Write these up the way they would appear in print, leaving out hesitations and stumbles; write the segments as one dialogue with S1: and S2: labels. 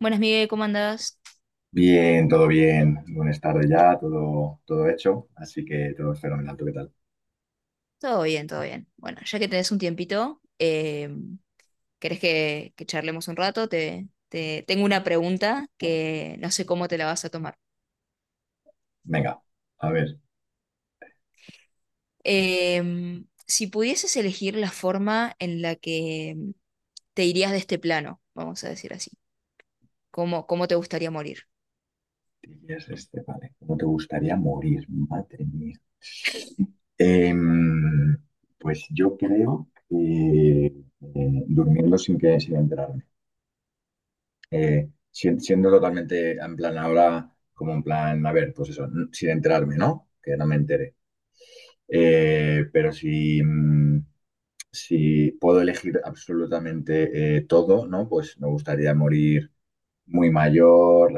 S1: Buenas, Miguel, ¿cómo andás?
S2: Bien, todo bien. Buenas tardes ya, todo, todo hecho. Así que todo es fenomenal. ¿Tú qué tal?
S1: Todo bien, todo bien. Bueno, ya que tenés un tiempito, ¿querés que charlemos un rato? Tengo una pregunta que no sé cómo te la vas a tomar.
S2: Venga, a ver.
S1: Si pudieses elegir la forma en la que te irías de este plano, vamos a decir así, ¿cómo, cómo te gustaría morir?
S2: Tienes este, vale. ¿Cómo te gustaría morir? Madre mía. Em, pues yo creo que durmiendo sin enterarme. Siendo totalmente en plan ahora, como en plan, a ver, pues eso, sin enterarme, ¿no? Que no me entere. Pero si puedo elegir absolutamente todo, ¿no? Pues me gustaría morir muy mayor,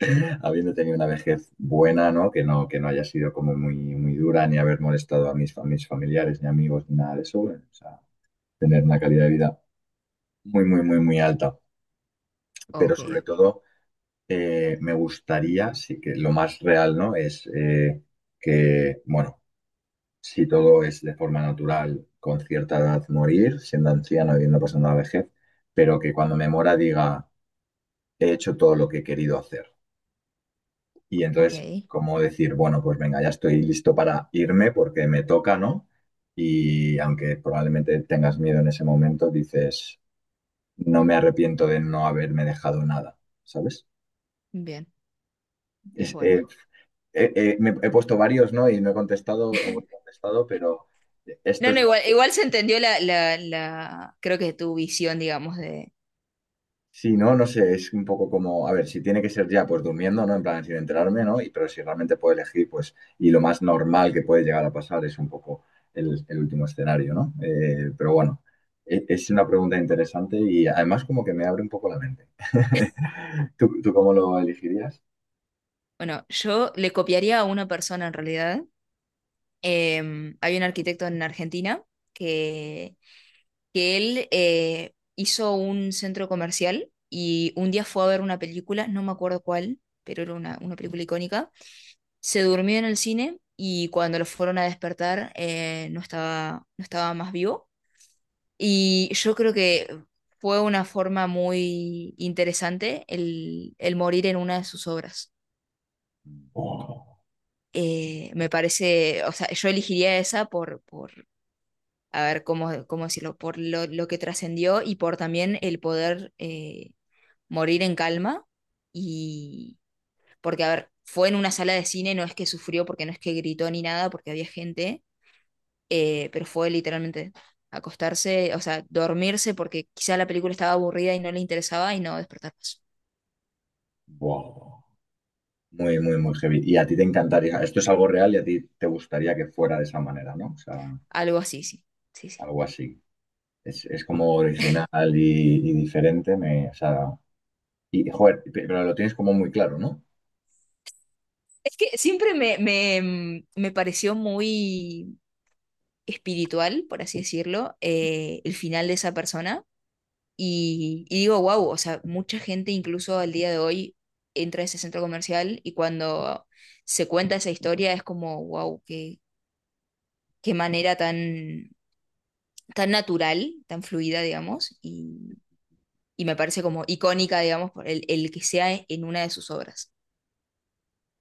S2: habiendo tenido una vejez buena, ¿no? Que no haya sido como muy, muy dura, ni haber molestado a mis familiares, ni amigos, ni nada de eso. Bueno, o sea, tener una calidad de vida muy, muy, muy, muy alta. Pero
S1: Ok,
S2: sobre
S1: ok,
S2: todo, me gustaría, sí que lo más real, ¿no? Es que, bueno, si todo es de forma natural, con cierta edad morir, siendo anciano, habiendo pasando la vejez, pero que cuando me muera diga, he hecho todo lo que he querido hacer. Y
S1: ok,
S2: entonces, como decir, bueno, pues venga, ya estoy listo para irme porque me toca, ¿no? Y aunque probablemente tengas miedo en ese momento, dices, no me arrepiento de no haberme dejado nada, ¿sabes?
S1: bien, es
S2: Es- eh,
S1: buena.
S2: Me he puesto varios, ¿no? Y no he contestado, o he contestado, pero esto
S1: No,
S2: es.
S1: no, igual, igual se entendió la, creo que tu visión, digamos, de...
S2: Sí, no, no sé, es un poco como, a ver, si tiene que ser ya, pues durmiendo, ¿no? En plan, sin enterarme, ¿no? Pero si realmente puedo elegir, pues, y lo más normal que puede llegar a pasar es un poco el último escenario, ¿no? Pero bueno, es una pregunta interesante y además como que me abre un poco la mente. ¿Tú cómo lo elegirías?
S1: Bueno, yo le copiaría a una persona en realidad. Hay un arquitecto en Argentina que, que él hizo un centro comercial y un día fue a ver una película, no me acuerdo cuál, pero era una película icónica. Se durmió en el cine y cuando lo fueron a despertar, no estaba, no estaba más vivo. Y yo creo que fue una forma muy interesante el morir en una de sus obras.
S2: Wow,
S1: Me parece, o sea, yo elegiría esa a ver cómo, cómo decirlo, por lo que trascendió y por también el poder morir en calma. Y porque, a ver, fue en una sala de cine, no es que sufrió, porque no es que gritó ni nada, porque había gente, pero fue literalmente acostarse, o sea, dormirse porque quizá la película estaba aburrida y no le interesaba y no despertar más.
S2: wow. Muy, muy, muy heavy. Y a ti te encantaría, esto es algo real y a ti te gustaría que fuera de esa manera, ¿no? O sea,
S1: Algo así, sí. Sí, sí.
S2: algo así. Es como original y diferente, o sea, y joder, pero lo tienes como muy claro, ¿no?
S1: Es que siempre me pareció muy espiritual, por así decirlo, el final de esa persona. Y digo, wow, o sea, mucha gente incluso al día de hoy entra a ese centro comercial y cuando se cuenta esa historia es como, wow, qué, qué manera tan, tan natural, tan fluida, digamos, y me parece como icónica, digamos, por el que sea e, en una de sus obras.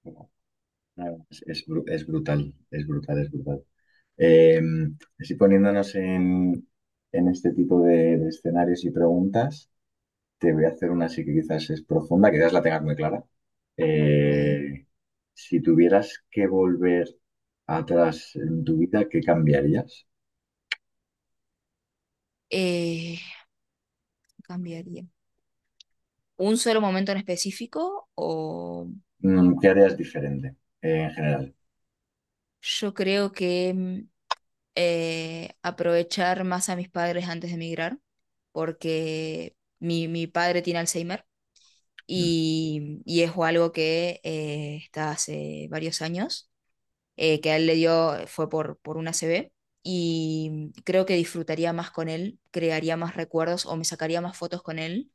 S2: Como, nada, es brutal, es brutal, es brutal. Eh, Así poniéndonos en, este tipo de escenarios y preguntas, te voy a hacer una así que quizás es profunda, quizás la tengas muy clara.
S1: Ok.
S2: Eh, si tuvieras que volver atrás en tu vida, ¿qué cambiarías?
S1: Eh, Cambiaría. ¿Un solo momento en específico? O
S2: ¿Qué harías diferente, en general?
S1: yo creo que aprovechar más a mis padres antes de emigrar, porque mi padre tiene Alzheimer
S2: Mm.
S1: y es algo que está hace varios años, que a él le dio, fue por una CB, y creo que disfrutaría más con él, crearía más recuerdos o me sacaría más fotos con él,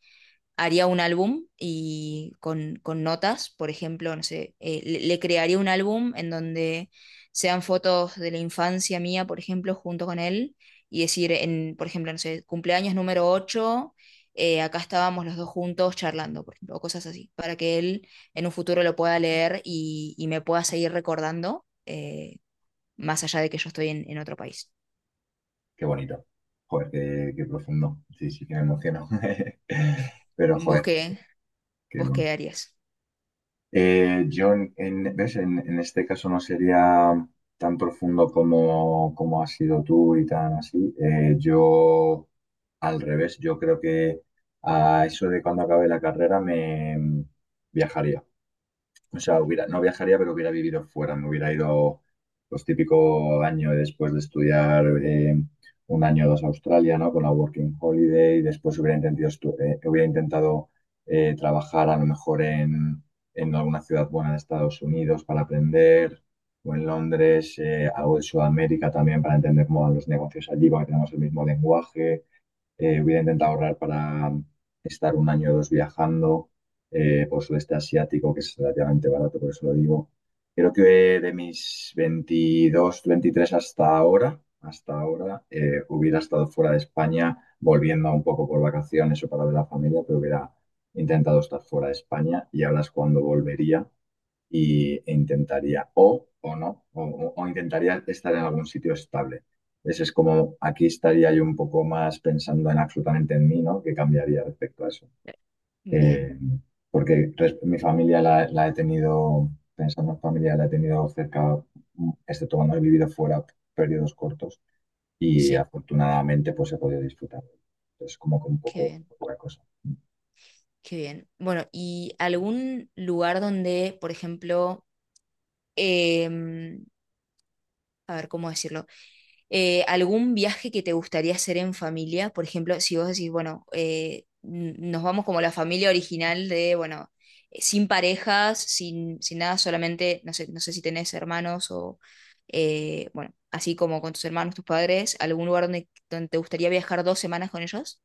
S1: haría un álbum y con notas, por ejemplo, no sé, le crearía un álbum en donde sean fotos de la infancia mía, por ejemplo, junto con él, y decir, en, por ejemplo, no sé, cumpleaños número ocho, acá estábamos los dos juntos charlando, por ejemplo, o cosas así, para que él en un futuro lo pueda leer y me pueda seguir recordando, más allá de que yo estoy en otro país.
S2: Qué bonito. Joder, qué profundo. Sí, sí que me emociono. Pero
S1: ¿Vos
S2: joder,
S1: qué,
S2: qué
S1: vos
S2: bueno.
S1: qué harías?
S2: Yo, ¿ves? En este caso no sería tan profundo como has sido tú y tan así. Yo, al revés, yo creo que a eso de cuando acabe la carrera me viajaría. O sea,
S1: Ok.
S2: hubiera, no viajaría, pero hubiera vivido fuera. Me hubiera ido los típico año después de estudiar un año o dos a Australia, ¿no? Con la Working Holiday. Después hubiera intentado trabajar a lo mejor en alguna ciudad buena de Estados Unidos para aprender, o en Londres, algo de Sudamérica también para entender cómo van los negocios allí, porque tenemos el mismo lenguaje. Hubiera intentado ahorrar para estar un año o dos viajando por sudeste asiático, que es relativamente barato, por eso lo digo. Creo que de mis 22 23 hasta ahora, hubiera estado fuera de España, volviendo un poco por vacaciones o para ver a la familia, pero hubiera intentado estar fuera de España y ahora es cuando volvería e intentaría, o no, o intentaría estar en algún sitio estable. Ese es como, aquí estaría yo un poco más pensando en absolutamente en mí, ¿no? ¿Qué cambiaría respecto a eso?
S1: Bien,
S2: Eh, Porque mi familia la he tenido, pensando en familia, la he tenido cerca, excepto cuando he vivido fuera periodos cortos y
S1: sí,
S2: afortunadamente pues he podido disfrutar. Es como que un
S1: qué
S2: poco,
S1: bien.
S2: poca cosa.
S1: Qué bien. Bueno, ¿y algún lugar donde, por ejemplo, em, a ver, ¿cómo decirlo? ¿Algún viaje que te gustaría hacer en familia? Por ejemplo, si vos decís, bueno, nos vamos como la familia original de, bueno, sin parejas, sin, sin nada, solamente, no sé, no sé si tenés hermanos o, bueno, así como con tus hermanos, tus padres, ¿algún lugar donde, donde te gustaría viajar dos semanas con ellos?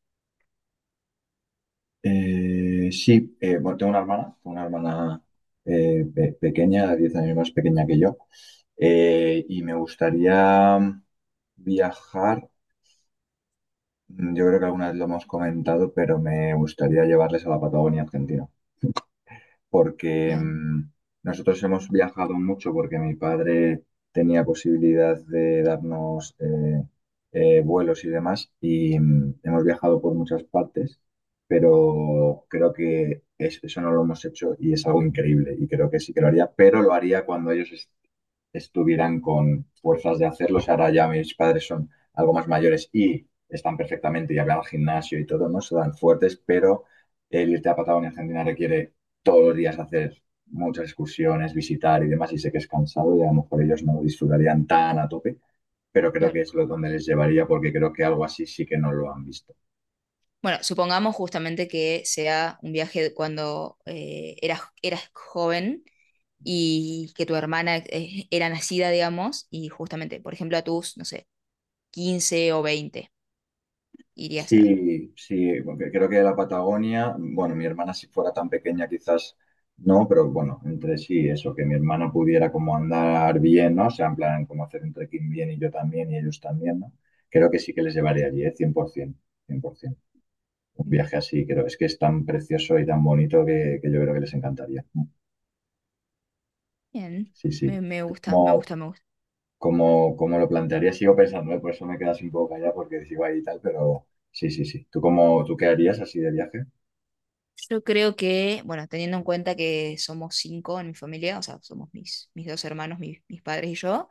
S2: Sí, bueno, tengo una hermana pequeña, 10 años más pequeña que yo, y me gustaría viajar, yo creo que alguna vez lo hemos comentado, pero me gustaría llevarles a la Patagonia Argentina porque
S1: Bien,
S2: nosotros hemos viajado mucho porque mi padre tenía posibilidad de darnos vuelos y demás y hemos viajado por muchas partes, pero creo que eso no lo hemos hecho y es algo increíble y creo que sí que lo haría, pero lo haría cuando ellos estuvieran con fuerzas de hacerlo. O sea, ahora ya mis padres son algo más mayores y están perfectamente, ya van al gimnasio y todo, no se dan fuertes, pero el irte a Patagonia, Argentina requiere todos los días hacer muchas excursiones, visitar y demás, y sé que es cansado y a lo mejor ellos no lo disfrutarían tan a tope, pero creo que
S1: claro.
S2: es lo donde les llevaría porque creo que algo así sí que no lo han visto.
S1: Bueno, supongamos justamente que sea un viaje cuando eras joven y que tu hermana era nacida, digamos, y justamente, por ejemplo, a tus, no sé, 15 o 20 irías a...
S2: Sí, sí, porque creo que la Patagonia, bueno, mi hermana si fuera tan pequeña quizás no, pero bueno, entre sí, eso, que mi hermana pudiera como andar bien, ¿no? O sea, en plan, como hacer un trekking bien y yo también y ellos también, ¿no? Creo que sí que les llevaría allí, ¿eh? Cien por 100%. Un viaje así, creo. Es que es tan precioso y tan bonito que yo creo que les encantaría.
S1: Bien,
S2: Sí, sí.
S1: me gusta, me
S2: Como,
S1: gusta, me gusta.
S2: como lo plantearía, sigo pensando, ¿eh? Por eso me quedas un poco callada porque sigo ahí y tal, pero sí, sí, sí. ¿Tú qué harías así de viaje?
S1: Yo creo que, bueno, teniendo en cuenta que somos cinco en mi familia, o sea, somos mis dos hermanos, mis padres y yo.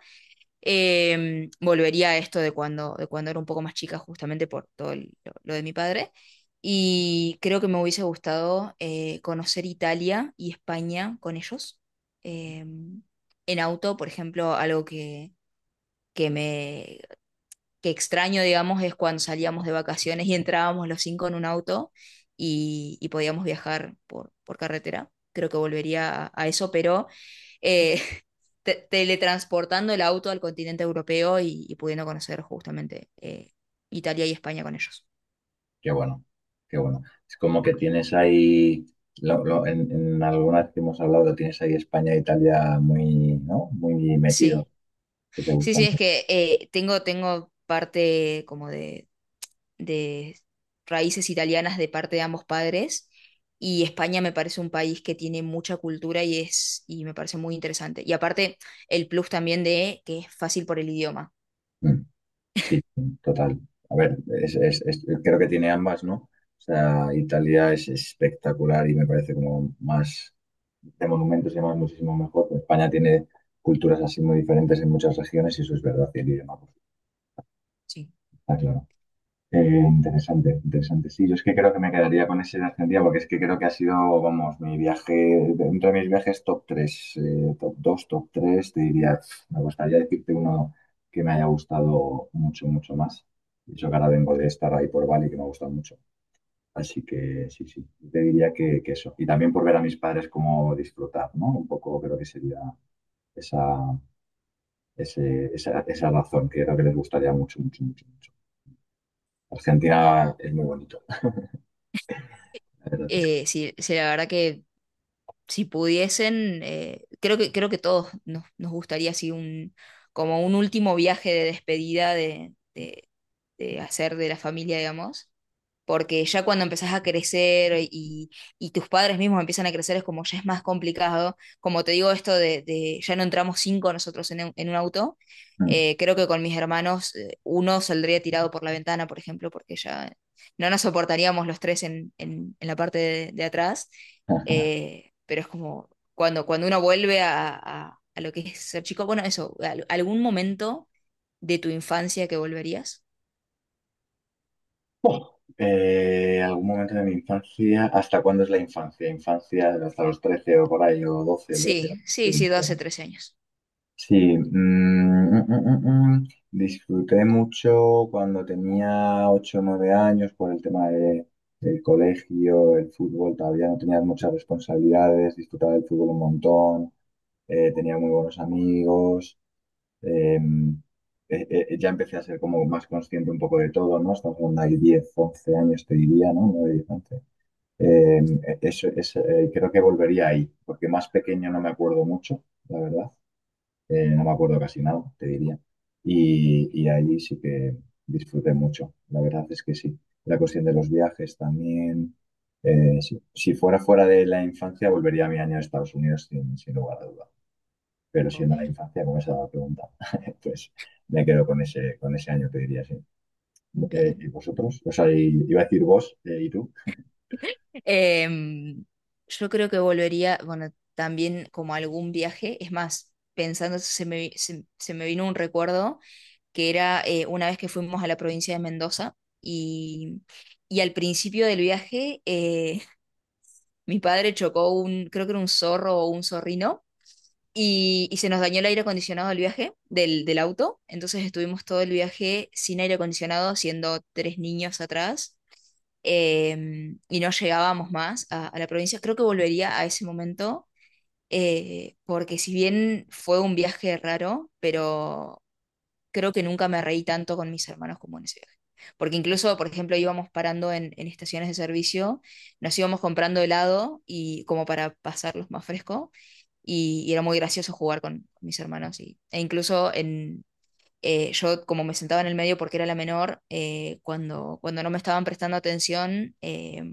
S1: Volvería a esto de cuando era un poco más chica, justamente por todo lo de mi padre. Y creo que me hubiese gustado conocer Italia y España con ellos. Em, en auto, por ejemplo, algo que me que extraño, digamos, es cuando salíamos de vacaciones y entrábamos los cinco en un auto y podíamos viajar por carretera. Creo que volvería a eso, pero eh, teletransportando el auto al continente europeo y pudiendo conocer justamente Italia y España con ellos.
S2: Qué bueno, qué bueno. Es como que tienes ahí, en alguna vez que hemos hablado, tienes ahí España e Italia muy, ¿no? Muy metidos,
S1: Sí,
S2: que te
S1: sí, sí,
S2: gustan
S1: es
S2: mucho.
S1: que tengo parte como de raíces italianas de parte de ambos padres. Y España me parece un país que tiene mucha cultura y es, y me parece muy interesante. Y aparte, el plus también de que es fácil por el idioma.
S2: Mm. Sí, total. A ver, creo que tiene ambas, ¿no? O sea, Italia es espectacular y me parece como más de monumentos y demás muchísimo mejor. España tiene culturas así muy diferentes en muchas regiones y eso es verdad y el idioma, pues,
S1: Sí.
S2: está claro. Eh, Interesante, interesante. Sí, yo es que creo que me quedaría con ese de Argentina porque es que creo que ha sido, vamos, mi viaje, dentro de mis viajes top 3 top 2 top 3 te diría, pf, me gustaría decirte uno que me haya gustado mucho, mucho más. Y eso que ahora vengo de estar ahí por Bali, que me ha gustado mucho. Así que sí, sí, te diría que, eso. Y también por ver a mis padres cómo disfrutar, ¿no? Un poco creo que sería esa, esa razón que creo que les gustaría mucho, mucho, mucho, mucho. Argentina es muy bonito. La verdad es.
S1: Sí, sí, la verdad que si pudiesen, creo que todos nos, nos gustaría así un, como un último viaje de despedida de hacer de la familia, digamos. Porque ya cuando empezás a crecer y tus padres mismos empiezan a crecer es como ya es más complicado. Como te digo esto de ya no entramos cinco nosotros en un auto,
S2: Mm.
S1: creo que con mis hermanos uno saldría tirado por la ventana, por ejemplo, porque ya no nos soportaríamos los tres en la parte de atrás, pero es como cuando, cuando uno vuelve a lo que es ser chico, bueno, eso, algún momento de tu infancia que volverías.
S2: Algún momento de mi infancia, ¿hasta cuándo es la infancia? Infancia hasta los 13 o por ahí, o 12 13
S1: Sí,
S2: sí,
S1: sí, sí, 12,
S2: bueno.
S1: 13 años.
S2: Sí, mm, mm, mm, mm, mm. Disfruté mucho cuando tenía 8 o 9 años por el tema del colegio, el fútbol, todavía no tenía muchas responsabilidades, disfrutaba del fútbol un montón, tenía muy buenos amigos. Em, ya empecé a ser como más consciente un poco de todo, ¿no? Estamos hablando de 10, 11 años, te diría, ¿no? 9, 10, 11. Eso es, creo que volvería ahí, porque más pequeño no me acuerdo mucho, la verdad. No me acuerdo casi nada, te diría. Y ahí sí que disfruté mucho, la verdad es que sí. La cuestión de los viajes también. Sí. Si, fuera de la infancia, volvería a mi año de Estados Unidos sin lugar a dudas, pero
S1: Ok.
S2: siendo la infancia, como esa pregunta, pues me quedo con ese año, te diría, sí.
S1: Bien.
S2: ¿Y vosotros? O sea, iba a decir vos y tú.
S1: Em, yo creo que volvería, bueno, también como algún viaje. Es más, pensando, eso, se me vino un recuerdo que era una vez que fuimos a la provincia de Mendoza y al principio del viaje mi padre chocó un, creo que era un zorro o un zorrino. Y se nos dañó el aire acondicionado del viaje, del auto. Entonces estuvimos todo el viaje sin aire acondicionado, siendo tres niños atrás. Y no llegábamos más a la provincia. Creo que volvería a ese momento, porque si bien fue un viaje raro, pero creo que nunca me reí tanto con mis hermanos como en ese viaje. Porque incluso, por ejemplo, íbamos parando en estaciones de servicio, nos íbamos comprando helado y como para pasarlos más fresco, y era muy gracioso jugar con mis hermanos. E incluso en, yo como me sentaba en el medio porque era la menor, cuando, cuando no me estaban prestando atención,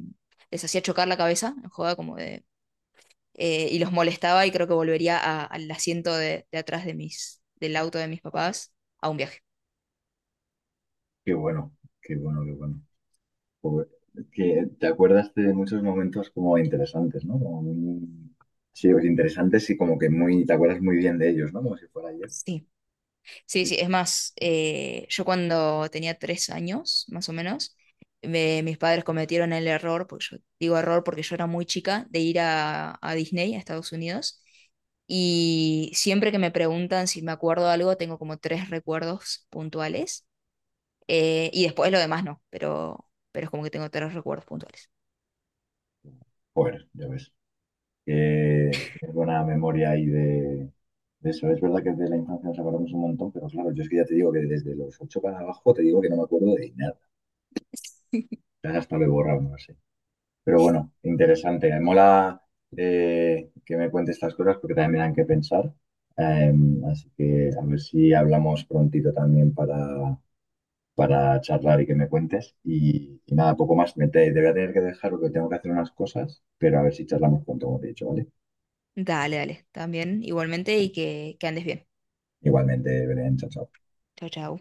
S1: les hacía chocar la cabeza, en joda, como de, y los molestaba y creo que volvería al asiento de atrás de del auto de mis papás a un viaje.
S2: Qué bueno, qué bueno, qué bueno. Joder, que te acuerdas de muchos momentos como interesantes, ¿no? Como muy... Sí, pues, interesantes y como que muy, te acuerdas muy bien de ellos, ¿no? Como si fuera ayer.
S1: Sí. Sí,
S2: Sí,
S1: sí,
S2: sí.
S1: es más, yo cuando tenía tres años, más o menos, mis padres cometieron el error, porque yo digo error porque yo era muy chica, de ir a Disney, a Estados Unidos, y siempre que me preguntan si me acuerdo de algo, tengo como tres recuerdos puntuales, y después lo demás no, pero es como que tengo tres recuerdos puntuales.
S2: Joder, ya ves. Que si tienes buena memoria ahí de eso. Es verdad que de la infancia nos acordamos un montón, pero claro, yo es que ya te digo que desde los 8 para abajo te digo que no me acuerdo de nada. Ya hasta lo he borrado, no lo sé. Pero bueno, interesante. Me mola que me cuentes estas cosas porque también me dan que pensar. Eh, Así que a ver si hablamos prontito también para charlar y que me cuentes. Y nada, poco más. Te voy a tener que dejar porque tengo que hacer unas cosas, pero a ver si charlamos pronto, como te he dicho, ¿vale?
S1: Dale, dale, también igualmente y que andes bien.
S2: Igualmente, Belén, chao, chao.
S1: Chao, chao.